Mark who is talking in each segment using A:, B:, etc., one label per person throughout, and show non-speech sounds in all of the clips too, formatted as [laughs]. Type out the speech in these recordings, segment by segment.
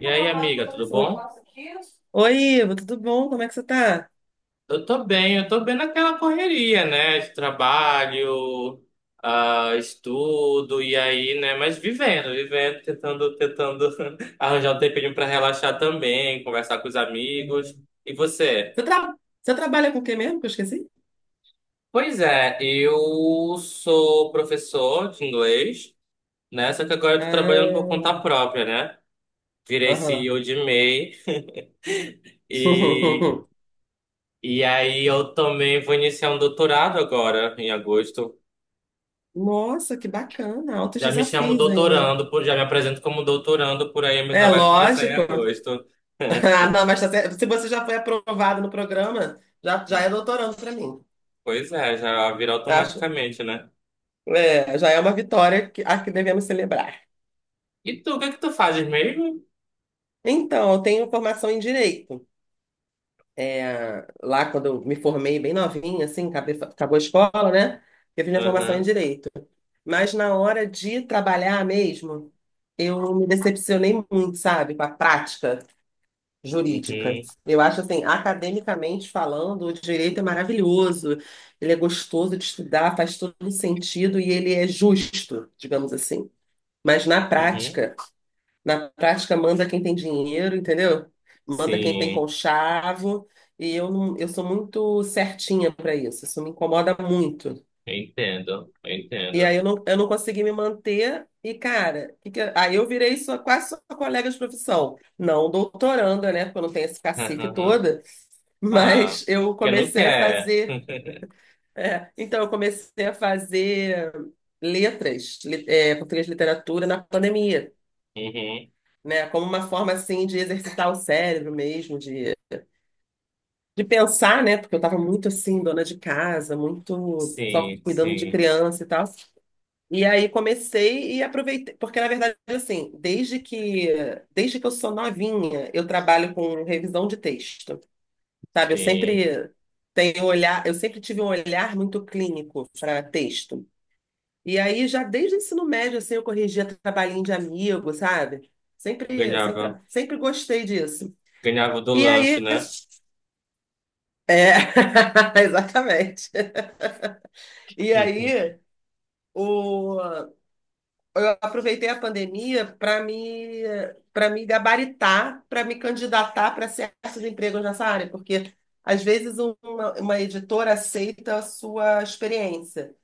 A: E aí, amiga, tudo bom?
B: O- Oi, Ivo, tudo bom? Como é que você tá?
A: Eu tô bem naquela correria, né? De trabalho, estudo, e aí, né? Mas vivendo, tentando [laughs] arranjar um tempinho pra relaxar também, conversar com os amigos. E você?
B: Você, Você trabalha com o que mesmo? Que eu esqueci?
A: Pois é, eu sou professor de inglês, né? Só que agora eu tô trabalhando por
B: Ah,
A: conta própria, né? Virei
B: aham.
A: CEO de MEI e,
B: [laughs]
A: e aí eu também vou iniciar um doutorado agora, em agosto.
B: Nossa, que bacana. Altos
A: Já me chamo
B: desafios aí, né?
A: doutorando, já me apresento como doutorando por aí, mas ainda
B: É
A: vai começar em
B: lógico.
A: agosto.
B: [laughs] Ah, não, mas tá certo. Se você já foi aprovado no programa, já é doutorando para mim.
A: Pois é, já vira
B: Acho.
A: automaticamente, né?
B: É, já é uma vitória a que devemos celebrar.
A: E tu, o que é que tu fazes mesmo?
B: Então, eu tenho formação em direito. É, lá, quando eu me formei bem novinha, assim, acabou a escola, né? Eu fiz minha formação em
A: Aham,
B: direito. Mas na hora de trabalhar mesmo, eu me decepcionei muito, sabe, com a prática jurídica.
A: uhum,
B: Eu acho assim, academicamente falando, o direito é maravilhoso, ele é gostoso de estudar, faz todo sentido e ele é justo, digamos assim. Mas na
A: uhum.
B: prática, na prática manda quem tem dinheiro, entendeu? Manda quem tem
A: Sim,
B: conchavo, e eu não, eu sou muito certinha para isso, isso me incomoda muito.
A: eu entendo, eu
B: E aí
A: entendo.
B: eu não consegui me manter e, cara, aí eu virei sua, quase sua colega de profissão. Não doutoranda, né? Porque eu não tenho esse cacife
A: Aham.
B: todo.
A: Ah,
B: Mas eu
A: porque não
B: comecei a
A: quer.
B: fazer. É, então, eu comecei a fazer letras, português de literatura na pandemia,
A: Uhum.
B: né? Como uma forma, assim, de exercitar o cérebro mesmo, de pensar, né? Porque eu estava muito, assim, dona de casa, muito só
A: Sim,
B: cuidando de
A: sim,
B: criança e tal. E aí comecei e aproveitei, porque, na verdade, assim, desde que eu sou novinha, eu trabalho com revisão de texto. Sabe, eu
A: sim.
B: sempre tenho um olhar, eu sempre tive um olhar muito clínico para texto. E aí, já desde o ensino médio, assim, eu corrigia trabalhinho de amigo, sabe? Sempre, sempre,
A: Ganhava,
B: sempre gostei disso.
A: ganhava do
B: E
A: lanche,
B: aí,
A: né?
B: é, [laughs] exatamente.
A: [laughs]
B: E
A: Uhum.
B: aí, o, eu aproveitei a pandemia para me gabaritar, para me candidatar para certos empregos nessa área, porque às vezes uma editora aceita a sua experiência,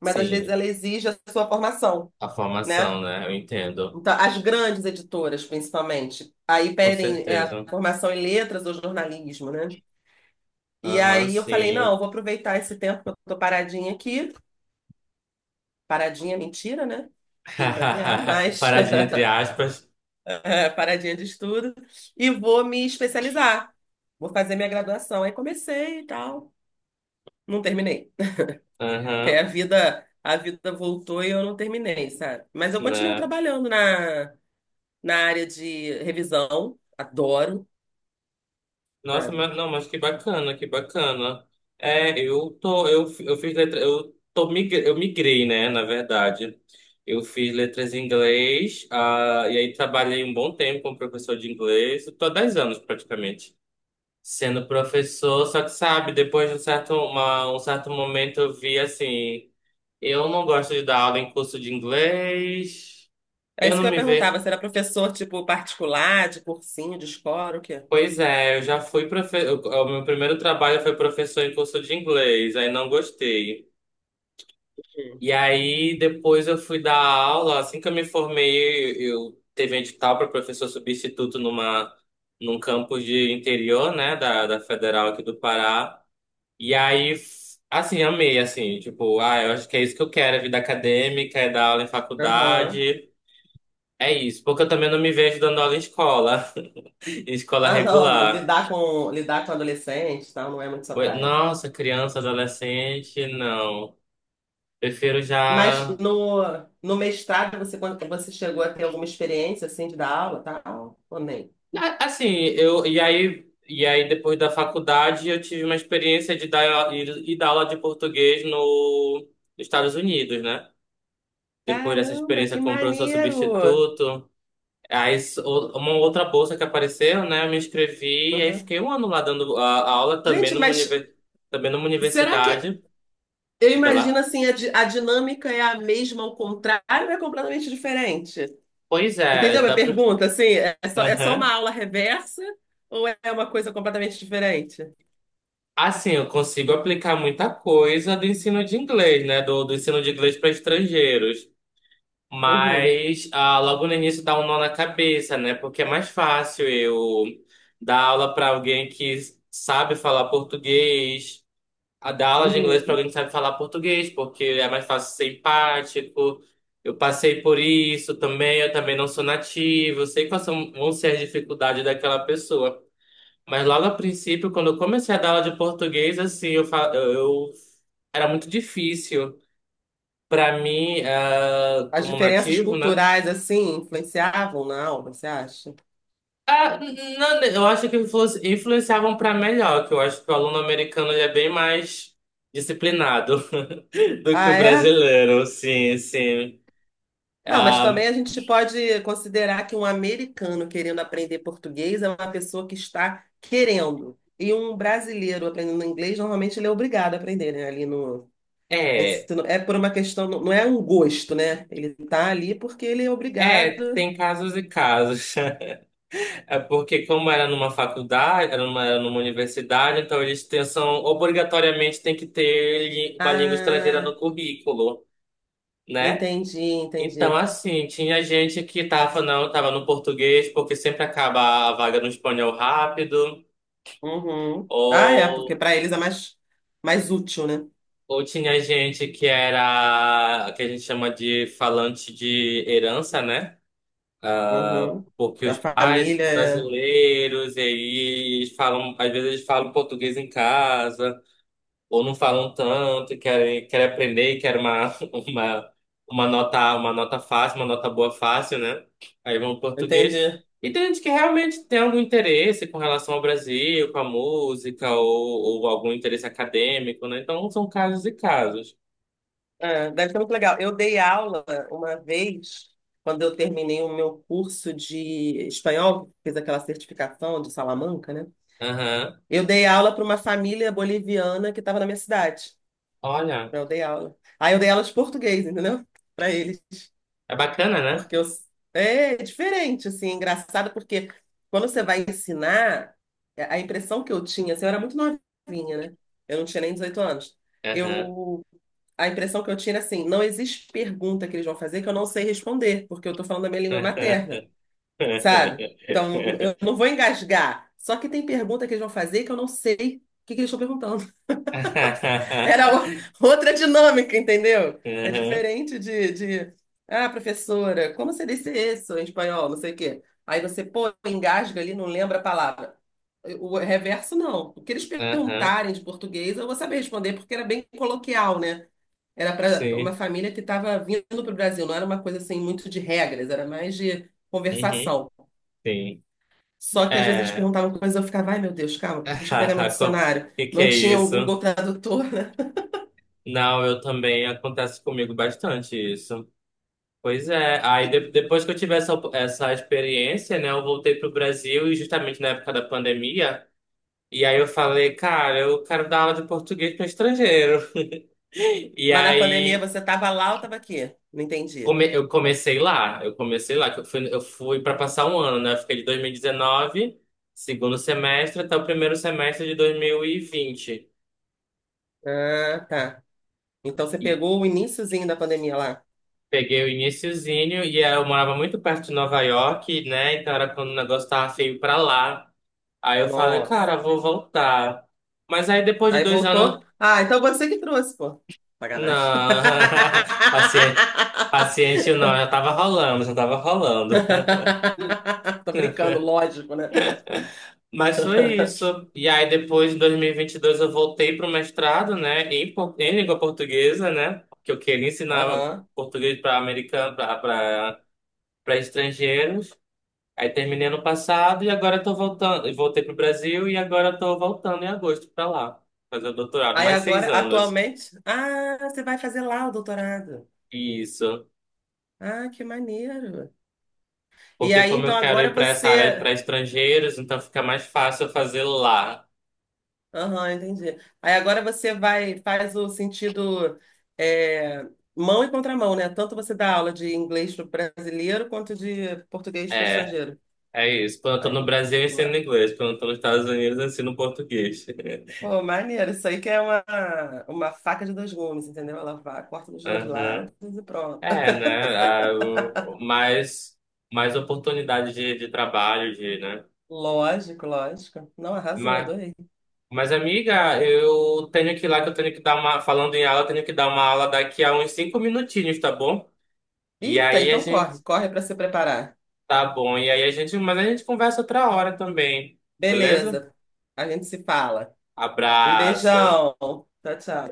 B: mas às vezes
A: Sim,
B: ela exige a sua formação,
A: a
B: né?
A: formação, né? Eu entendo,
B: Então, as grandes editoras, principalmente, aí
A: com
B: pedem é, a
A: certeza.
B: formação em letras ou jornalismo, né? E
A: Aham,
B: aí eu falei, não, eu
A: sim.
B: vou aproveitar esse tempo que eu tô paradinha aqui, paradinha é mentira, né? Filho para criar,
A: [laughs]
B: mas
A: Paradinha entre
B: [laughs]
A: aspas.
B: é, paradinha de estudo, e vou me especializar. Vou fazer minha graduação. Aí comecei e tal. Não terminei. Porque aí a
A: Aham,
B: vida, a vida voltou e eu não terminei, sabe? Mas eu continuo
A: né?
B: trabalhando na área de revisão. Adoro,
A: Nossa,
B: sabe?
A: mas, não, mas que bacana, que bacana. É, eu fiz letra, eu migrei, né, na verdade. Eu fiz letras em inglês, e aí trabalhei um bom tempo como professor de inglês, eu tô há 10 anos praticamente. Sendo professor, só que sabe, depois de um certo momento eu vi assim, eu não gosto de dar aula em curso de inglês.
B: É
A: Eu
B: isso
A: não
B: que eu
A: me vejo.
B: perguntava. Será professor, tipo, particular, de cursinho, de escola, o quê?
A: Pois é, eu já fui professor. O meu primeiro trabalho foi professor em curso de inglês, aí não gostei.
B: Hum.
A: E aí depois eu fui dar aula, assim que eu me formei, eu teve um edital para professor substituto num campus de interior, né, da Federal aqui do Pará. E aí assim, amei assim, tipo, ah, eu acho que é isso que eu quero, é vida acadêmica, é dar aula em
B: Aham.
A: faculdade. É isso, porque eu também não me vejo dando aula em escola, [laughs] em escola
B: Ah, não.
A: regular.
B: Lidar com adolescentes, e tal, não é muito sua
A: Oi,
B: praia.
A: nossa, criança, adolescente, não. Prefiro
B: Mas
A: já.
B: no mestrado, quando você chegou a ter alguma experiência assim de dar aula, tal, ou nem?
A: Assim, eu. E aí depois da faculdade, eu tive uma experiência de ir dar aula de português no, nos Estados Unidos, né? Depois dessa
B: Caramba,
A: experiência
B: que
A: como professor
B: maneiro!
A: substituto. Aí, uma outra bolsa que apareceu, né? Eu me inscrevi e aí
B: Uhum.
A: fiquei um ano lá dando a aula também
B: Gente, mas
A: também numa
B: será que
A: universidade.
B: eu
A: Diga
B: imagino
A: lá.
B: assim, a dinâmica é a mesma ao contrário ou é completamente diferente?
A: Pois é,
B: Entendeu a minha
A: dá pra.
B: pergunta? Assim, é só uma
A: [laughs]
B: aula reversa ou é uma coisa completamente diferente?
A: Assim, eu consigo aplicar muita coisa do ensino de inglês, né? Do ensino de inglês para estrangeiros.
B: Uhum,
A: Mas logo no início dá um nó na cabeça, né? Porque é mais fácil eu dar aula para alguém que sabe falar português, a dar aula de inglês para
B: uhum.
A: alguém que sabe falar português, porque é mais fácil ser empático. Eu passei por isso também, eu também não sou nativo, eu sei quais são, vão ser as dificuldades daquela pessoa. Mas logo a princípio, quando eu comecei a dar aula de português, assim, eu, fa- eu- era muito difícil para mim,
B: As
A: como
B: diferenças
A: nativo, né?
B: culturais assim influenciavam na aula, você acha?
A: Ah, não, eu acho que influenciavam para melhor, que eu acho que o aluno americano ele é bem mais disciplinado [laughs] do que
B: Ah,
A: o
B: é?
A: brasileiro, sim, sim.
B: Não, mas também
A: Ah,
B: a gente pode considerar que um americano querendo aprender português é uma pessoa que está querendo. E um brasileiro aprendendo inglês, normalmente ele é obrigado a aprender, né? Ali no
A: é,
B: ensino. É por uma questão, não é um gosto, né? Ele está ali porque ele é
A: é,
B: obrigado
A: tem casos e casos. [laughs] É porque como era numa faculdade, era numa universidade, então eles têm, são, obrigatoriamente tem que ter uma língua estrangeira
B: a.
A: no currículo, né?
B: Entendi,
A: Então,
B: entendi.
A: assim, tinha gente que tava, não, tava no português, porque sempre acaba a vaga no espanhol rápido,
B: Uhum. Ah, é, porque
A: ou,
B: para eles mais útil, né?
A: ou tinha gente que era, que a gente chama de falante de herança, né?
B: Uhum.
A: Porque os
B: Da
A: pais são
B: família.
A: brasileiros, e aí eles falam, às vezes eles falam português em casa. Ou não falam tanto, e querem aprender, e [laughs] uma, uma nota fácil, uma nota boa fácil, né? Aí vão pro português.
B: Entendi.
A: E tem gente que realmente tem algum interesse com relação ao Brasil, com a música, ou algum interesse acadêmico, né? Então são casos e casos.
B: É, deve ser muito legal. Eu dei aula uma vez, quando eu terminei o meu curso de espanhol, fiz aquela certificação de Salamanca, né?
A: Aham.
B: Eu dei aula para uma família boliviana que estava na minha cidade.
A: Olha,
B: Então, eu dei aula. Aí eu dei aula de português, entendeu? Para eles.
A: é bacana, né?
B: Porque eu... é diferente, assim, é engraçado, porque quando você vai ensinar, é, a impressão que eu tinha, assim, eu era muito novinha, né? Eu não tinha nem 18 anos.
A: Aham.
B: Eu A impressão que eu tiro é assim, não existe pergunta que eles vão fazer que eu não sei responder, porque eu estou falando a minha língua materna,
A: [laughs]
B: sabe? Então, eu não vou engasgar. Só que tem pergunta que eles vão fazer que eu não sei o que que eles estão perguntando. [laughs] Era o- Outra dinâmica, entendeu? É
A: Aham.
B: diferente de, ah, professora, como você disse isso em espanhol, não sei o quê. Aí você, pô, engasga ali, não lembra a palavra. O reverso, não. O que eles
A: Aham.
B: perguntarem de português, eu vou saber responder, porque era bem coloquial, né? Era para uma
A: Sim.
B: família que estava vindo para o Brasil, não era uma coisa assim muito de regras, era mais de
A: Uhum.
B: conversação.
A: Sim.
B: Só que às vezes eles
A: É.
B: perguntavam coisas, eu ficava, ai meu Deus, calma, deixa eu pegar
A: [laughs]
B: meu
A: O
B: dicionário.
A: que que
B: Não
A: é
B: tinha o Google
A: isso?
B: Tradutor, né?
A: Não, eu também acontece comigo bastante isso. Pois é, aí depois que eu tive essa, essa experiência, né, eu voltei pro Brasil e justamente na época da pandemia, e aí eu falei, cara, eu quero dar aula de português para estrangeiro. [laughs] E
B: Mas na pandemia
A: aí
B: você estava lá ou estava aqui? Não entendi.
A: eu comecei lá, que eu fui para passar um ano, né? Eu fiquei de 2019, segundo semestre, até o primeiro semestre de 2020.
B: Ah, tá. Então você pegou o iniciozinho da pandemia lá.
A: Peguei o iniciozinho e eu morava muito perto de Nova York, né? Então era quando o negócio tava feio pra lá. Aí eu falei,
B: Nossa.
A: cara, vou voltar. Mas aí depois de
B: Aí
A: dois
B: voltou.
A: anos.
B: Ah, então você que trouxe, pô. Sacanagem.
A: Não, [laughs] paciente, paciente não, já tava rolando.
B: [laughs] Tô brincando, lógico, né?
A: Mas foi
B: [laughs]
A: isso. E aí depois, em 2022, eu voltei pro mestrado, né? Em língua portuguesa, né? Porque eu queria ensinar
B: Aham.
A: português para americano, para estrangeiros. Aí terminei ano passado e agora tô voltando. E voltei pro Brasil e agora tô voltando em agosto pra lá. Fazer o doutorado,
B: Aí
A: mais seis
B: agora,
A: anos.
B: atualmente, ah, você vai fazer lá o doutorado.
A: Isso.
B: Ah, que maneiro. E
A: Porque
B: aí,
A: como
B: então,
A: eu quero ir
B: agora
A: pra essa área
B: você.
A: pra estrangeiros, então fica mais fácil eu fazer lá.
B: Aham, entendi. Aí agora você vai, faz o sentido é, mão e contramão, né? Tanto você dá aula de inglês para brasileiro quanto de português para
A: É,
B: estrangeiro.
A: é isso. Quando eu tô
B: Ai,
A: no Brasil, eu ensino
B: ma-
A: inglês. Quando eu tô nos Estados Unidos, eu ensino português. [laughs]
B: Pô, maneiro. Isso aí que é uma faca de dois gumes, entendeu? Ela vai, corta dos dois lados
A: Aham.
B: e pronto.
A: É,
B: [laughs]
A: né? Ah, mais oportunidade de trabalho, de, né?
B: Lógico, lógico. Não, arrasou,
A: Ma-
B: adorei.
A: Mas, amiga, eu tenho que ir lá que eu tenho que dar uma. Falando em aula, eu tenho que dar uma aula daqui a uns 5 minutinhos, tá bom? E
B: Eita,
A: aí a
B: então corre,
A: gente.
B: corre para se preparar.
A: Tá bom. E aí a gente. Mas a gente conversa outra hora também. Beleza?
B: Beleza, a gente se fala. Um
A: Abraço.
B: beijão. Tchau, tchau.